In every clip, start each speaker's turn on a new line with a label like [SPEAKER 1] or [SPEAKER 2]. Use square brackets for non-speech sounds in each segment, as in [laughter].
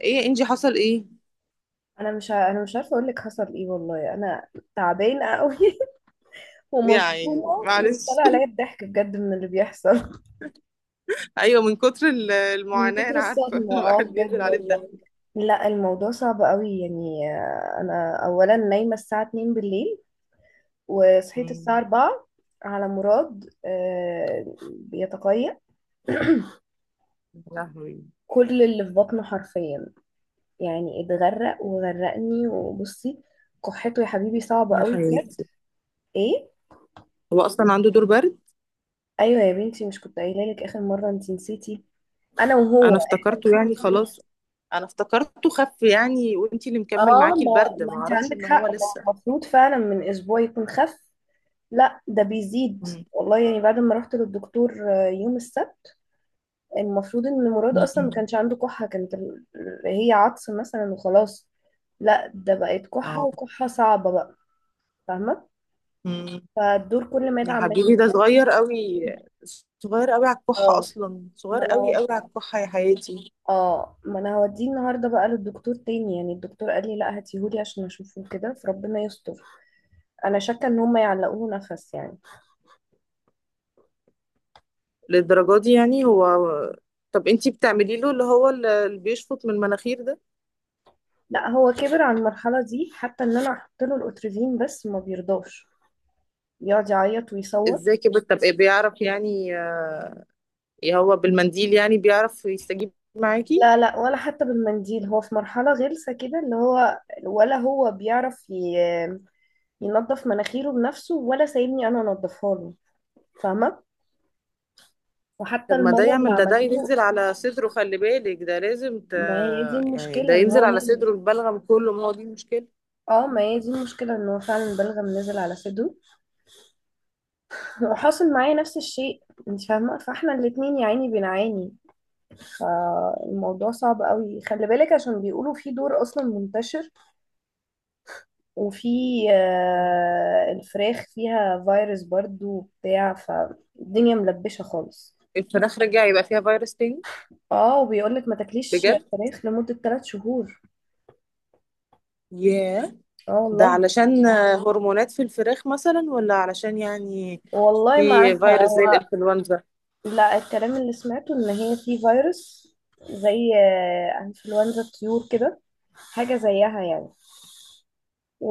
[SPEAKER 1] ايه انجي، حصل ايه؟
[SPEAKER 2] انا مش عارفه اقول لك حصل ايه والله، انا تعبانه قوي. [laughs] ومصدومه.
[SPEAKER 1] يعني معلش.
[SPEAKER 2] وطلع عليا الضحك بجد من اللي بيحصل.
[SPEAKER 1] [laughs] ايوه، من كتر ال-
[SPEAKER 2] من
[SPEAKER 1] المعاناة
[SPEAKER 2] كتر
[SPEAKER 1] انا عارفة. [laughs]
[SPEAKER 2] الصدمه اه،
[SPEAKER 1] الواحد بينزل
[SPEAKER 2] بجد
[SPEAKER 1] عليه الدم.
[SPEAKER 2] والله. لا الموضوع صعب قوي يعني. انا اولا نايمه الساعه 2 بالليل، وصحيت
[SPEAKER 1] يا
[SPEAKER 2] الساعه 4 على مراد. بيتقيأ
[SPEAKER 1] لهوي.
[SPEAKER 2] كل اللي في بطنه حرفيا، يعني اتغرق وغرقني. وبصي كحته يا حبيبي صعبه
[SPEAKER 1] يا
[SPEAKER 2] قوي بجد.
[SPEAKER 1] حياتي،
[SPEAKER 2] ايه.
[SPEAKER 1] هو اصلا عنده دور برد.
[SPEAKER 2] ايوه يا بنتي، مش كنت قايله لك اخر مره؟ انت نسيتي، انا
[SPEAKER 1] انا
[SPEAKER 2] وهو احنا
[SPEAKER 1] افتكرته يعني
[SPEAKER 2] الاتنين.
[SPEAKER 1] خلاص، انا افتكرته خف يعني، وانتي اللي مكمل
[SPEAKER 2] اه
[SPEAKER 1] معاكي
[SPEAKER 2] ما,
[SPEAKER 1] البرد،
[SPEAKER 2] ما
[SPEAKER 1] ما
[SPEAKER 2] انت
[SPEAKER 1] اعرفش
[SPEAKER 2] عندك
[SPEAKER 1] ان هو
[SPEAKER 2] حق، ما هو
[SPEAKER 1] لسه.
[SPEAKER 2] المفروض فعلا من اسبوع يكون خف. لا ده بيزيد
[SPEAKER 1] مم.
[SPEAKER 2] والله، يعني بعد ما رحت للدكتور يوم السبت. المفروض ان مراد اصلا ما
[SPEAKER 1] مم.
[SPEAKER 2] كانش عنده كحة، هي عطس مثلا وخلاص. لا ده بقت كحة،
[SPEAKER 1] اه.
[SPEAKER 2] وكحة صعبة بقى. فاهمة.
[SPEAKER 1] مم.
[SPEAKER 2] فالدور كل ما
[SPEAKER 1] يا
[SPEAKER 2] يدعم
[SPEAKER 1] حبيبي ده صغير قوي. صغير قوي على الكحة،
[SPEAKER 2] اه
[SPEAKER 1] اصلا
[SPEAKER 2] ما
[SPEAKER 1] صغير
[SPEAKER 2] انا
[SPEAKER 1] قوي قوي
[SPEAKER 2] هود-
[SPEAKER 1] على الكحة يا حياتي.
[SPEAKER 2] اه، ما انا هوديه النهارده بقى للدكتور تاني. يعني الدكتور قال لي لا، هاتيهولي عشان اشوفه كده. فربنا يستر. انا شاكه ان هم يعلقوه نفس يعني.
[SPEAKER 1] للدرجة دي يعني هو؟ طب انتي بتعملي له اللي بيشفط من المناخير ده؟
[SPEAKER 2] لا هو كبر على المرحله دي، حتى ان انا احط له الاتريفين بس ما بيرضاش، يقعد يعيط
[SPEAKER 1] ازاي
[SPEAKER 2] ويصوت.
[SPEAKER 1] كده؟ طب ايه، بيعرف يعني هو بالمنديل يعني بيعرف يستجيب معاكي؟
[SPEAKER 2] لا لا، ولا حتى بالمنديل. هو في مرحله غلسه كده، اللي هو ولا هو ينظف مناخيره بنفسه، ولا سايبني انا انضفها له. فاهمه. وحتى
[SPEAKER 1] طب ما ده
[SPEAKER 2] المره اللي
[SPEAKER 1] يعمل ده
[SPEAKER 2] عملت له.
[SPEAKER 1] ينزل على صدره، خلي بالك ده لازم
[SPEAKER 2] ما هي دي
[SPEAKER 1] يعني
[SPEAKER 2] المشكله،
[SPEAKER 1] ده
[SPEAKER 2] ان هو
[SPEAKER 1] ينزل على
[SPEAKER 2] نازل.
[SPEAKER 1] صدره البلغم كله، ما هو دي المشكلة.
[SPEAKER 2] اه ما هي دي المشكله، ان هو فعلا بلغم نزل على صدره. [laughs] وحاصل معايا نفس الشيء انت فاهمه. فاحنا الاتنين يا عيني بنعاني. الموضوع صعب قوي، خلي بالك، عشان بيقولوا في دور اصلا منتشر. وفي الفراخ فيها فيروس برضو وبتاع، فالدنيا ملبشة خالص.
[SPEAKER 1] الفراخ رجع يبقى فيها فيروس تاني؟
[SPEAKER 2] اه وبيقولك ما تاكليش
[SPEAKER 1] بجد؟
[SPEAKER 2] فراخ لمدة 3 شهور.
[SPEAKER 1] ياه.
[SPEAKER 2] اه
[SPEAKER 1] ده
[SPEAKER 2] والله.
[SPEAKER 1] علشان هرمونات في الفراخ مثلا، ولا علشان يعني
[SPEAKER 2] والله ما
[SPEAKER 1] في
[SPEAKER 2] عارفة
[SPEAKER 1] فيروس زي
[SPEAKER 2] هو.
[SPEAKER 1] الانفلونزا؟
[SPEAKER 2] لا، الكلام اللي سمعته ان هي في فيروس، زي انفلونزا الطيور كده، حاجة زيها يعني.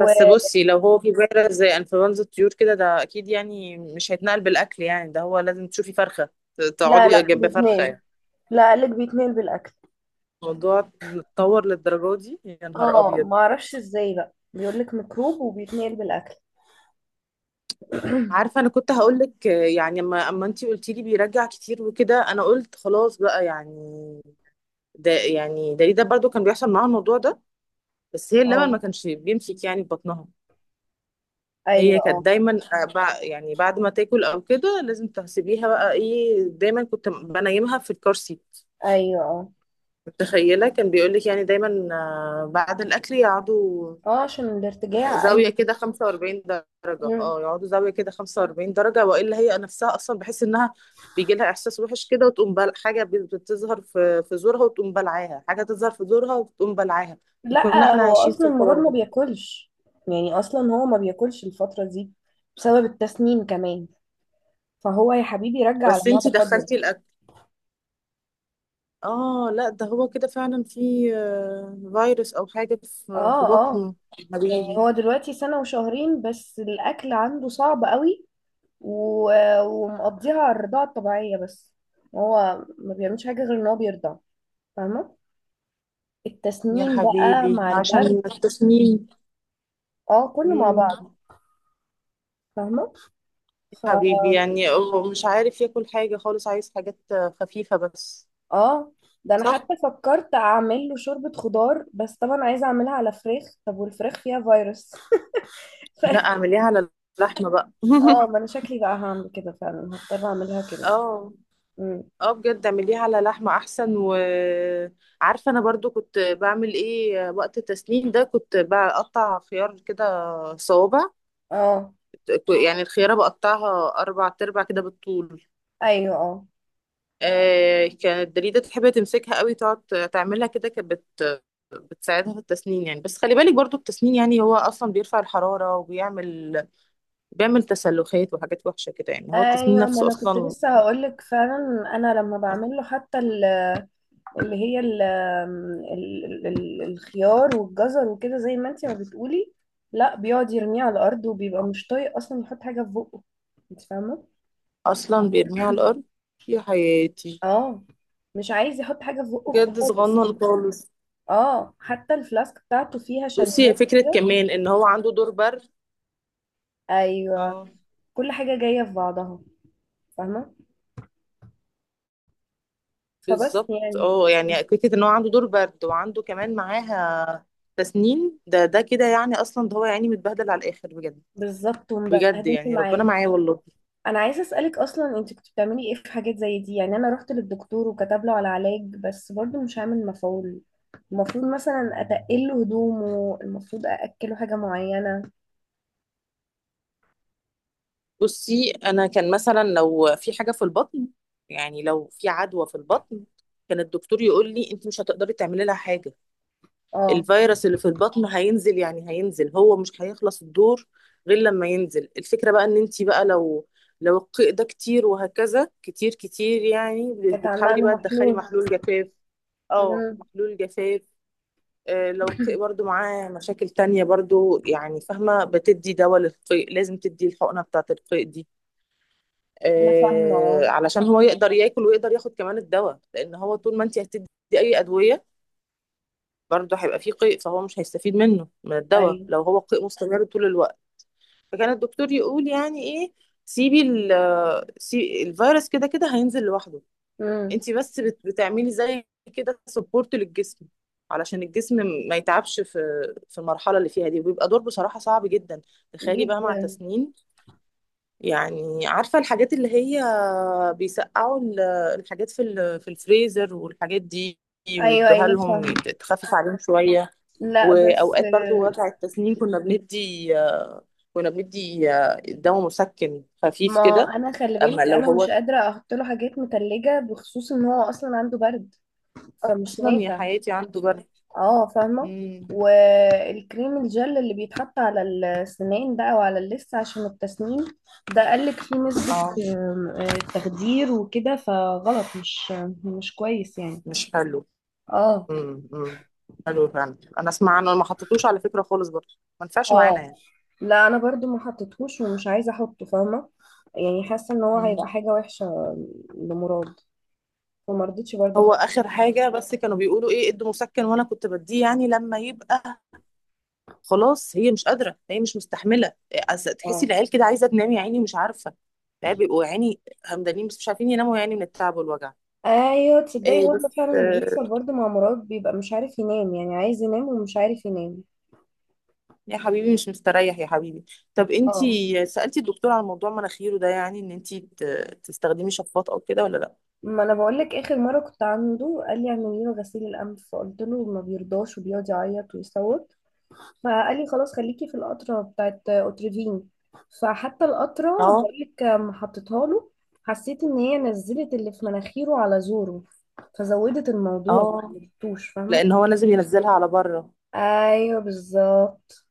[SPEAKER 1] بس بصي، لو هو في فيروس زي انفلونزا الطيور كده، ده اكيد يعني مش هيتنقل بالاكل، يعني ده هو لازم تشوفي فرخه، تقعدي
[SPEAKER 2] لا
[SPEAKER 1] جنب فرخه
[SPEAKER 2] بيتنقل.
[SPEAKER 1] يعني.
[SPEAKER 2] لا قالك بيتنقل بالاكل.
[SPEAKER 1] الموضوع اتطور للدرجه دي؟ يا نهار
[SPEAKER 2] اه
[SPEAKER 1] ابيض.
[SPEAKER 2] ما اعرفش ازاي بقى، بيقول لك ميكروب وبيتنقل بالاكل.
[SPEAKER 1] عارفه انا كنت هقول لك يعني، اما انتي قلتي لي بيرجع كتير وكده، انا قلت خلاص بقى يعني. ده يعني ده برضو كان بيحصل معاها الموضوع ده، بس هي اللبن
[SPEAKER 2] اه.
[SPEAKER 1] ما كانش بيمسك يعني في بطنها.
[SPEAKER 2] ايوه
[SPEAKER 1] هي كانت
[SPEAKER 2] اه.
[SPEAKER 1] دايما يعني بعد ما تاكل او كده لازم تحسبيها، بقى ايه، دايما كنت بنيمها في الكرسي.
[SPEAKER 2] ايوه اه.
[SPEAKER 1] متخيلة، كان بيقولك يعني دايما بعد الأكل يقعدوا
[SPEAKER 2] اه عشان الارتجاع، ايوه.
[SPEAKER 1] زاوية كده 45 درجة،
[SPEAKER 2] مم.
[SPEAKER 1] اه، يقعدوا زاوية كده 45 درجة، وإلا هي نفسها أصلا بحس إنها بيجي لها إحساس وحش كده، وتقوم حاجة بتظهر في زورها وتقوم بلعاها، حاجة تظهر في زورها وتقوم بلعاها. كنا
[SPEAKER 2] لا
[SPEAKER 1] احنا
[SPEAKER 2] هو
[SPEAKER 1] عايشين في
[SPEAKER 2] اصلا مراد
[SPEAKER 1] الحوار
[SPEAKER 2] ما
[SPEAKER 1] ده.
[SPEAKER 2] بياكلش، يعني اصلا هو ما بياكلش الفتره دي بسبب التسنين كمان. فهو يا حبيبي رجع على
[SPEAKER 1] بس
[SPEAKER 2] معده
[SPEAKER 1] انتي
[SPEAKER 2] فاضيه.
[SPEAKER 1] دخلتي الأكل؟ اه لا، ده هو كده فعلا في فيروس أو حاجة في
[SPEAKER 2] اه اه.
[SPEAKER 1] بطنه.
[SPEAKER 2] يعني
[SPEAKER 1] حبيبي.
[SPEAKER 2] هو دلوقتي سنه وشهرين، بس الاكل عنده صعب قوي. و... ومقضيها على الرضاعه الطبيعيه بس، هو ما بيعملش حاجه غير ان هو بيرضع. فاهمه.
[SPEAKER 1] يا
[SPEAKER 2] التسنين بقى
[SPEAKER 1] حبيبي
[SPEAKER 2] مع البرد.
[SPEAKER 1] عشان التسمين.
[SPEAKER 2] اه كله مع
[SPEAKER 1] مم.
[SPEAKER 2] بعض. فاهمة. ف
[SPEAKER 1] حبيبي يعني هو مش عارف ياكل حاجة خالص، عايز حاجات خفيفة بس.
[SPEAKER 2] اه ده انا
[SPEAKER 1] صح؟
[SPEAKER 2] حتى فكرت اعمل له شوربة خضار، بس طبعا عايزة اعملها على فراخ. طب والفراخ فيها فيروس. [laughs] ف...
[SPEAKER 1] لا اعمليها على اللحمة بقى. [laughs]
[SPEAKER 2] اه ما انا شكلي بقى هعمل كده فعلا، هضطر اعملها كده.
[SPEAKER 1] اه.
[SPEAKER 2] مم.
[SPEAKER 1] اه بجد، اعمليها على لحمة احسن. وعارفة انا برضو كنت بعمل ايه وقت التسنين ده؟ كنت بقطع خيار كده صوابع.
[SPEAKER 2] اه.
[SPEAKER 1] يعني الخيارة بقطعها اربع تربع كده بالطول.
[SPEAKER 2] ايوه اه.
[SPEAKER 1] آه، كانت دليدة تحب تمسكها قوي، تقعد تعملها كده، كانت بت بتساعدها في التسنين يعني. بس خلي بالك برضو التسنين يعني هو اصلا بيرفع الحرارة، بيعمل تسلخات وحاجات وحشة كده، يعني هو التسنين
[SPEAKER 2] ايوه، ما
[SPEAKER 1] نفسه
[SPEAKER 2] انا كنت
[SPEAKER 1] اصلا.
[SPEAKER 2] لسه هقولك فعلا. انا لما بعمل له حتى ال، اللي هي الخيار والجزر وكده زي ما انتي ما بتقولي، لا بيقعد يرميه على الارض وبيبقى مش طايق اصلا يحط حاجه في بقه. انت فاهمه.
[SPEAKER 1] اصلا بيرميها على الارض؟ يا حياتي.
[SPEAKER 2] اه. مش عايز يحط حاجه في بقه.
[SPEAKER 1] بجد صغنن
[SPEAKER 2] خالص.
[SPEAKER 1] خالص.
[SPEAKER 2] اه حتى الفلاسك بتاعته فيها
[SPEAKER 1] بصي، هي
[SPEAKER 2] شاليمو
[SPEAKER 1] فكرة
[SPEAKER 2] كده.
[SPEAKER 1] كمان ان هو عنده دور برد.
[SPEAKER 2] ايوه.
[SPEAKER 1] اه.
[SPEAKER 2] كل حاجه جايه في بعضها، فاهمه. فبس
[SPEAKER 1] بالظبط،
[SPEAKER 2] يعني.
[SPEAKER 1] اه، يعني فكرة ان هو عنده دور برد وعنده كمان معاها تسنين، ده ده كده يعني اصلا، ده هو يعني متبهدل على الاخر بجد.
[SPEAKER 2] بالظبط،
[SPEAKER 1] بجد
[SPEAKER 2] ومبهدلني
[SPEAKER 1] يعني ربنا
[SPEAKER 2] معاه.
[SPEAKER 1] معايا والله.
[SPEAKER 2] انا عايزه اسالك اصلا، انت كنت بتعملي ايه في حاجات زي دي؟ يعني انا رحت للدكتور وكتب له على علاج بس برضو مش عامل مفعول. المفروض مثلا اتقل له هدومه؟ المفروض ااكله حاجه معينه؟
[SPEAKER 1] بصي انا، كان مثلا لو في حاجه في البطن، يعني لو في عدوى في البطن، كان الدكتور يقول لي انت مش هتقدري تعملي لها حاجه.
[SPEAKER 2] اه.
[SPEAKER 1] الفيروس اللي في البطن هينزل، يعني هينزل، هو مش هيخلص الدور غير لما ينزل. الفكره بقى ان انت بقى، لو القيء ده كتير وهكذا، كتير كتير يعني،
[SPEAKER 2] اتعمل
[SPEAKER 1] بتحاولي
[SPEAKER 2] له
[SPEAKER 1] بقى تدخلي
[SPEAKER 2] محلول.
[SPEAKER 1] محلول جفاف. اه،
[SPEAKER 2] امم.
[SPEAKER 1] محلول جفاف. آه، لو القيء برضو معاه مشاكل تانية برضو يعني، فاهمة، بتدي دواء للقيء، لازم تدي الحقنة بتاعة القيء دي،
[SPEAKER 2] انا فاهمه اه.
[SPEAKER 1] علشان هو يقدر ياكل ويقدر ياخد كمان الدواء، لأن هو طول ما انت هتدي أي أدوية برضو هيبقى فيه قيء، فهو مش هيستفيد منه، من الدواء،
[SPEAKER 2] ايوه.
[SPEAKER 1] لو هو قيء مستمر طول الوقت. فكان الدكتور يقول يعني إيه، سيبي الفيروس كده كده هينزل لوحده.
[SPEAKER 2] امم.
[SPEAKER 1] انت بس بتعملي زي كده سبورت للجسم، علشان الجسم ما يتعبش في المرحله اللي فيها دي. وبيبقى دور بصراحه صعب جدا، تخيلي بقى مع
[SPEAKER 2] جدا.
[SPEAKER 1] تسنين. يعني عارفه الحاجات اللي هي بيسقعوا الحاجات في الفريزر والحاجات دي،
[SPEAKER 2] ايوه
[SPEAKER 1] ويدوها
[SPEAKER 2] ايوه
[SPEAKER 1] لهم،
[SPEAKER 2] فاهمه.
[SPEAKER 1] تخفف عليهم شويه.
[SPEAKER 2] لا بس
[SPEAKER 1] واوقات برضو وجع التسنين كنا بندي دواء مسكن خفيف
[SPEAKER 2] ما
[SPEAKER 1] كده.
[SPEAKER 2] انا خلي
[SPEAKER 1] اما
[SPEAKER 2] بالك،
[SPEAKER 1] لو
[SPEAKER 2] انا مش
[SPEAKER 1] هو
[SPEAKER 2] قادره احط له حاجات متلجه بخصوص ان هو اصلا عنده برد، فمش
[SPEAKER 1] اصلا يا
[SPEAKER 2] نافع.
[SPEAKER 1] حياتي عنده جرح.
[SPEAKER 2] اه فاهمة.
[SPEAKER 1] مم.
[SPEAKER 2] والكريم الجل اللي بيتحط على السنان بقى وعلى اللثة عشان التسنين، ده قالك فيه نسبة
[SPEAKER 1] اه
[SPEAKER 2] آم، آه، تخدير وكده، فغلط، مش مش كويس يعني.
[SPEAKER 1] مش حلو.
[SPEAKER 2] اه.
[SPEAKER 1] امم، امم. حلو فعلا، انا اسمع عنه، ما حطيتوش على فكره خالص برضه، ما نفعش معانا
[SPEAKER 2] اه
[SPEAKER 1] يعني.
[SPEAKER 2] لا، انا برضو ما حطيتهوش ومش عايزة احطه. فاهمة. يعني حاسة ان هو
[SPEAKER 1] مم.
[SPEAKER 2] هيبقى حاجة وحشة لمراد. وما رضيتش برضو
[SPEAKER 1] هو
[SPEAKER 2] احطه.
[SPEAKER 1] اخر حاجه بس كانوا بيقولوا ايه، ادوا مسكن، وانا كنت بديه يعني لما يبقى خلاص هي مش قادره، هي مش مستحمله. تحسي
[SPEAKER 2] اه.
[SPEAKER 1] العيال كده عايزه تنام يا عيني، مش عارفه. العيال بيبقوا يا عيني همدانين بس مش عارفين يناموا يعني، من التعب والوجع.
[SPEAKER 2] ايوه تصدقي،
[SPEAKER 1] إيه
[SPEAKER 2] هو ده
[SPEAKER 1] بس
[SPEAKER 2] فعلا اللي بيحصل برضو مع مراد، بيبقى مش عارف ينام، يعني عايز ينام ومش عارف ينام.
[SPEAKER 1] يا حبيبي مش مستريح يا حبيبي. طب
[SPEAKER 2] اه
[SPEAKER 1] انتي سألتي الدكتور على موضوع مناخيره ده؟ يعني ان انتي تستخدمي شفاط او كده، ولا لا؟
[SPEAKER 2] ما انا بقول لك، اخر مره كنت عنده قال لي اعملي له غسيل الانف، فقلت له ما بيرضاش وبيقعد يعيط ويصوت، فقال لي خلاص خليكي في القطره بتاعت اوتريفين. فحتى القطره
[SPEAKER 1] اه
[SPEAKER 2] بقول لك ما حطيتها له، حسيت ان هي نزلت اللي في مناخيره على زوره، فزودت الموضوع، ما
[SPEAKER 1] اه.
[SPEAKER 2] عملتوش فاهمه.
[SPEAKER 1] لان هو لازم ينزلها على بره.
[SPEAKER 2] ايوه بالظبط.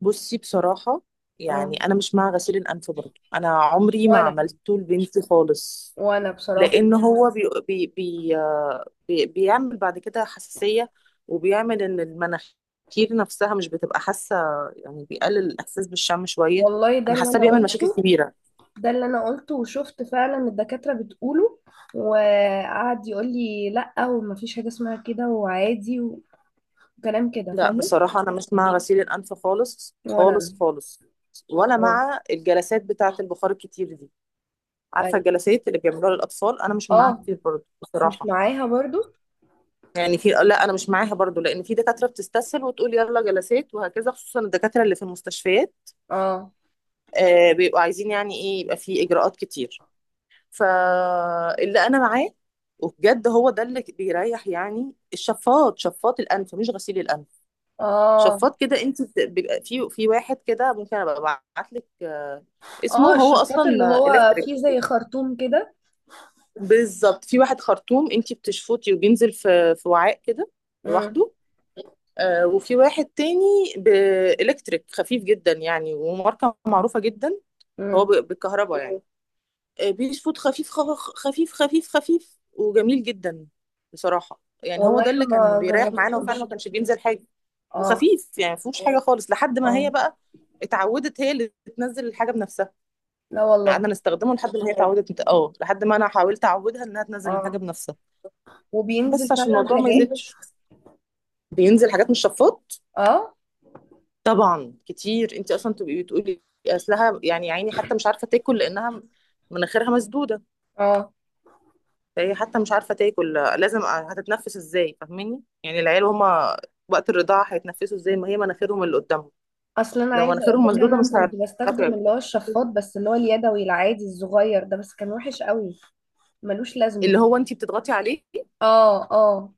[SPEAKER 1] بصي بصراحه،
[SPEAKER 2] اه.
[SPEAKER 1] يعني انا مش مع غسيل الانف برضه، انا عمري ما
[SPEAKER 2] وانا،
[SPEAKER 1] عملته لبنتي خالص.
[SPEAKER 2] وانا بصراحه.
[SPEAKER 1] لان هو بي بي بي آه، بي بيعمل بعد كده حساسيه، وبيعمل ان المناخير نفسها مش بتبقى حاسه، يعني بيقلل الاحساس بالشم شويه.
[SPEAKER 2] والله ده
[SPEAKER 1] انا
[SPEAKER 2] اللي
[SPEAKER 1] حاسه
[SPEAKER 2] انا
[SPEAKER 1] بيعمل مشاكل
[SPEAKER 2] قلته.
[SPEAKER 1] كبيره.
[SPEAKER 2] ده اللي انا قلته وشفت فعلا الدكاترة بتقوله، وقعد يقول لي لا ومفيش حاجة اسمها كده وعادي وكلام كده
[SPEAKER 1] لا
[SPEAKER 2] فاهمه.
[SPEAKER 1] بصراحه انا مش مع غسيل الانف خالص
[SPEAKER 2] ولا
[SPEAKER 1] خالص
[SPEAKER 2] انا.
[SPEAKER 1] خالص، ولا
[SPEAKER 2] اه.
[SPEAKER 1] مع الجلسات بتاعه البخار الكتير دي. عارفه
[SPEAKER 2] ايوه.
[SPEAKER 1] الجلسات اللي بيعملوها للاطفال؟ انا مش معاها
[SPEAKER 2] اه.
[SPEAKER 1] كتير برضه
[SPEAKER 2] مش
[SPEAKER 1] بصراحه.
[SPEAKER 2] معاها برضو.
[SPEAKER 1] يعني في، لا، انا مش معاها برضه، لان في دكاتره بتستسهل وتقول يلا جلسات وهكذا، خصوصا الدكاتره اللي في المستشفيات،
[SPEAKER 2] اه.
[SPEAKER 1] آه، بيبقوا عايزين يعني ايه، يبقى في اجراءات كتير. فاللي انا معاه وبجد هو ده اللي بيريح، يعني الشفاط، شفاط الانف، مش غسيل الانف.
[SPEAKER 2] اه.
[SPEAKER 1] شفاط كده، انت بيبقى في واحد كده، ممكن ابقى ابعت لك اسمه.
[SPEAKER 2] اه
[SPEAKER 1] هو
[SPEAKER 2] الشفاط اللي
[SPEAKER 1] اصلا
[SPEAKER 2] هو
[SPEAKER 1] الكتريك.
[SPEAKER 2] فيه زي خرطوم كده.
[SPEAKER 1] بالظبط، في واحد خرطوم انتي بتشفطي وبينزل في وعاء كده
[SPEAKER 2] امم.
[SPEAKER 1] لوحده. آه، وفي واحد تاني بإلكتريك خفيف جدا يعني، وماركة معروفة جدا. هو
[SPEAKER 2] امم.
[SPEAKER 1] بالكهرباء يعني، آه بيشفط خفيف، خفيف خفيف خفيف، وجميل جدا بصراحة. يعني هو
[SPEAKER 2] والله
[SPEAKER 1] ده
[SPEAKER 2] انا
[SPEAKER 1] اللي كان
[SPEAKER 2] ما
[SPEAKER 1] بيريح معانا، وفعلا ما
[SPEAKER 2] جربتوش.
[SPEAKER 1] كانش بينزل حاجة،
[SPEAKER 2] اه.
[SPEAKER 1] وخفيف يعني ما فيهوش حاجة خالص، لحد ما هي
[SPEAKER 2] اه.
[SPEAKER 1] بقى اتعودت هي اللي تنزل الحاجة بنفسها.
[SPEAKER 2] لا والله.
[SPEAKER 1] قعدنا نستخدمه لحد ما هي اتعودت، اه، لحد ما انا حاولت اعودها انها تنزل الحاجة
[SPEAKER 2] اه
[SPEAKER 1] بنفسها،
[SPEAKER 2] وبينزل
[SPEAKER 1] بس عشان
[SPEAKER 2] فعلا
[SPEAKER 1] الموضوع ما
[SPEAKER 2] حاجات.
[SPEAKER 1] يزيدش. بينزل حاجات من الشفاط
[SPEAKER 2] اه.
[SPEAKER 1] طبعا كتير. انت اصلا تبقي بتقولي اصلها يعني يا عيني حتى مش عارفه تاكل، لانها مناخيرها مسدوده،
[SPEAKER 2] اه.
[SPEAKER 1] فهي حتى مش عارفه تاكل، لازم هتتنفس ازاي، فاهماني يعني؟ العيال هما وقت الرضاعه هيتنفسوا ازاي، ما هي مناخيرهم اللي قدامهم،
[SPEAKER 2] اصل انا
[SPEAKER 1] لو
[SPEAKER 2] عايزه اقول
[SPEAKER 1] مناخيرهم
[SPEAKER 2] لك،
[SPEAKER 1] مسدوده
[SPEAKER 2] انا
[SPEAKER 1] مش
[SPEAKER 2] كنت
[SPEAKER 1] هيعرفوا
[SPEAKER 2] بستخدم اللي
[SPEAKER 1] ياكلوا.
[SPEAKER 2] هو الشفاط بس اللي هو اليدوي العادي الصغير ده، بس كان وحش قوي، ملوش لازمه.
[SPEAKER 1] اللي هو انت بتضغطي عليه؟
[SPEAKER 2] اه. اه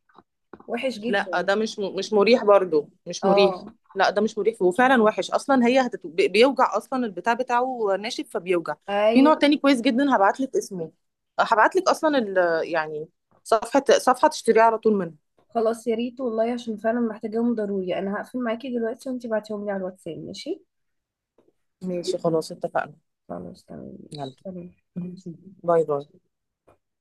[SPEAKER 2] وحش
[SPEAKER 1] لا
[SPEAKER 2] جدا.
[SPEAKER 1] ده مش مريح برضو، مش مريح.
[SPEAKER 2] اه.
[SPEAKER 1] لا ده مش مريح، وفعلا وحش اصلا. هي بيوجع اصلا، البتاع بتاعه ناشف فبيوجع. في
[SPEAKER 2] ايوه.
[SPEAKER 1] نوع تاني كويس جدا، هبعت لك اسمه، هبعت لك اصلا يعني صفحة، صفحة تشتريها على طول منها.
[SPEAKER 2] خلاص يا ريت والله، عشان فعلا محتاجاهم ضروري. انا هقفل معاكي دلوقتي وانتي بعتيهم لي على الواتساب، ماشي.
[SPEAKER 1] ماشي خلاص اتفقنا.
[SPEAKER 2] خلاص تمام
[SPEAKER 1] يلا.
[SPEAKER 2] ماشي، سلام.
[SPEAKER 1] ماشي. باي باي.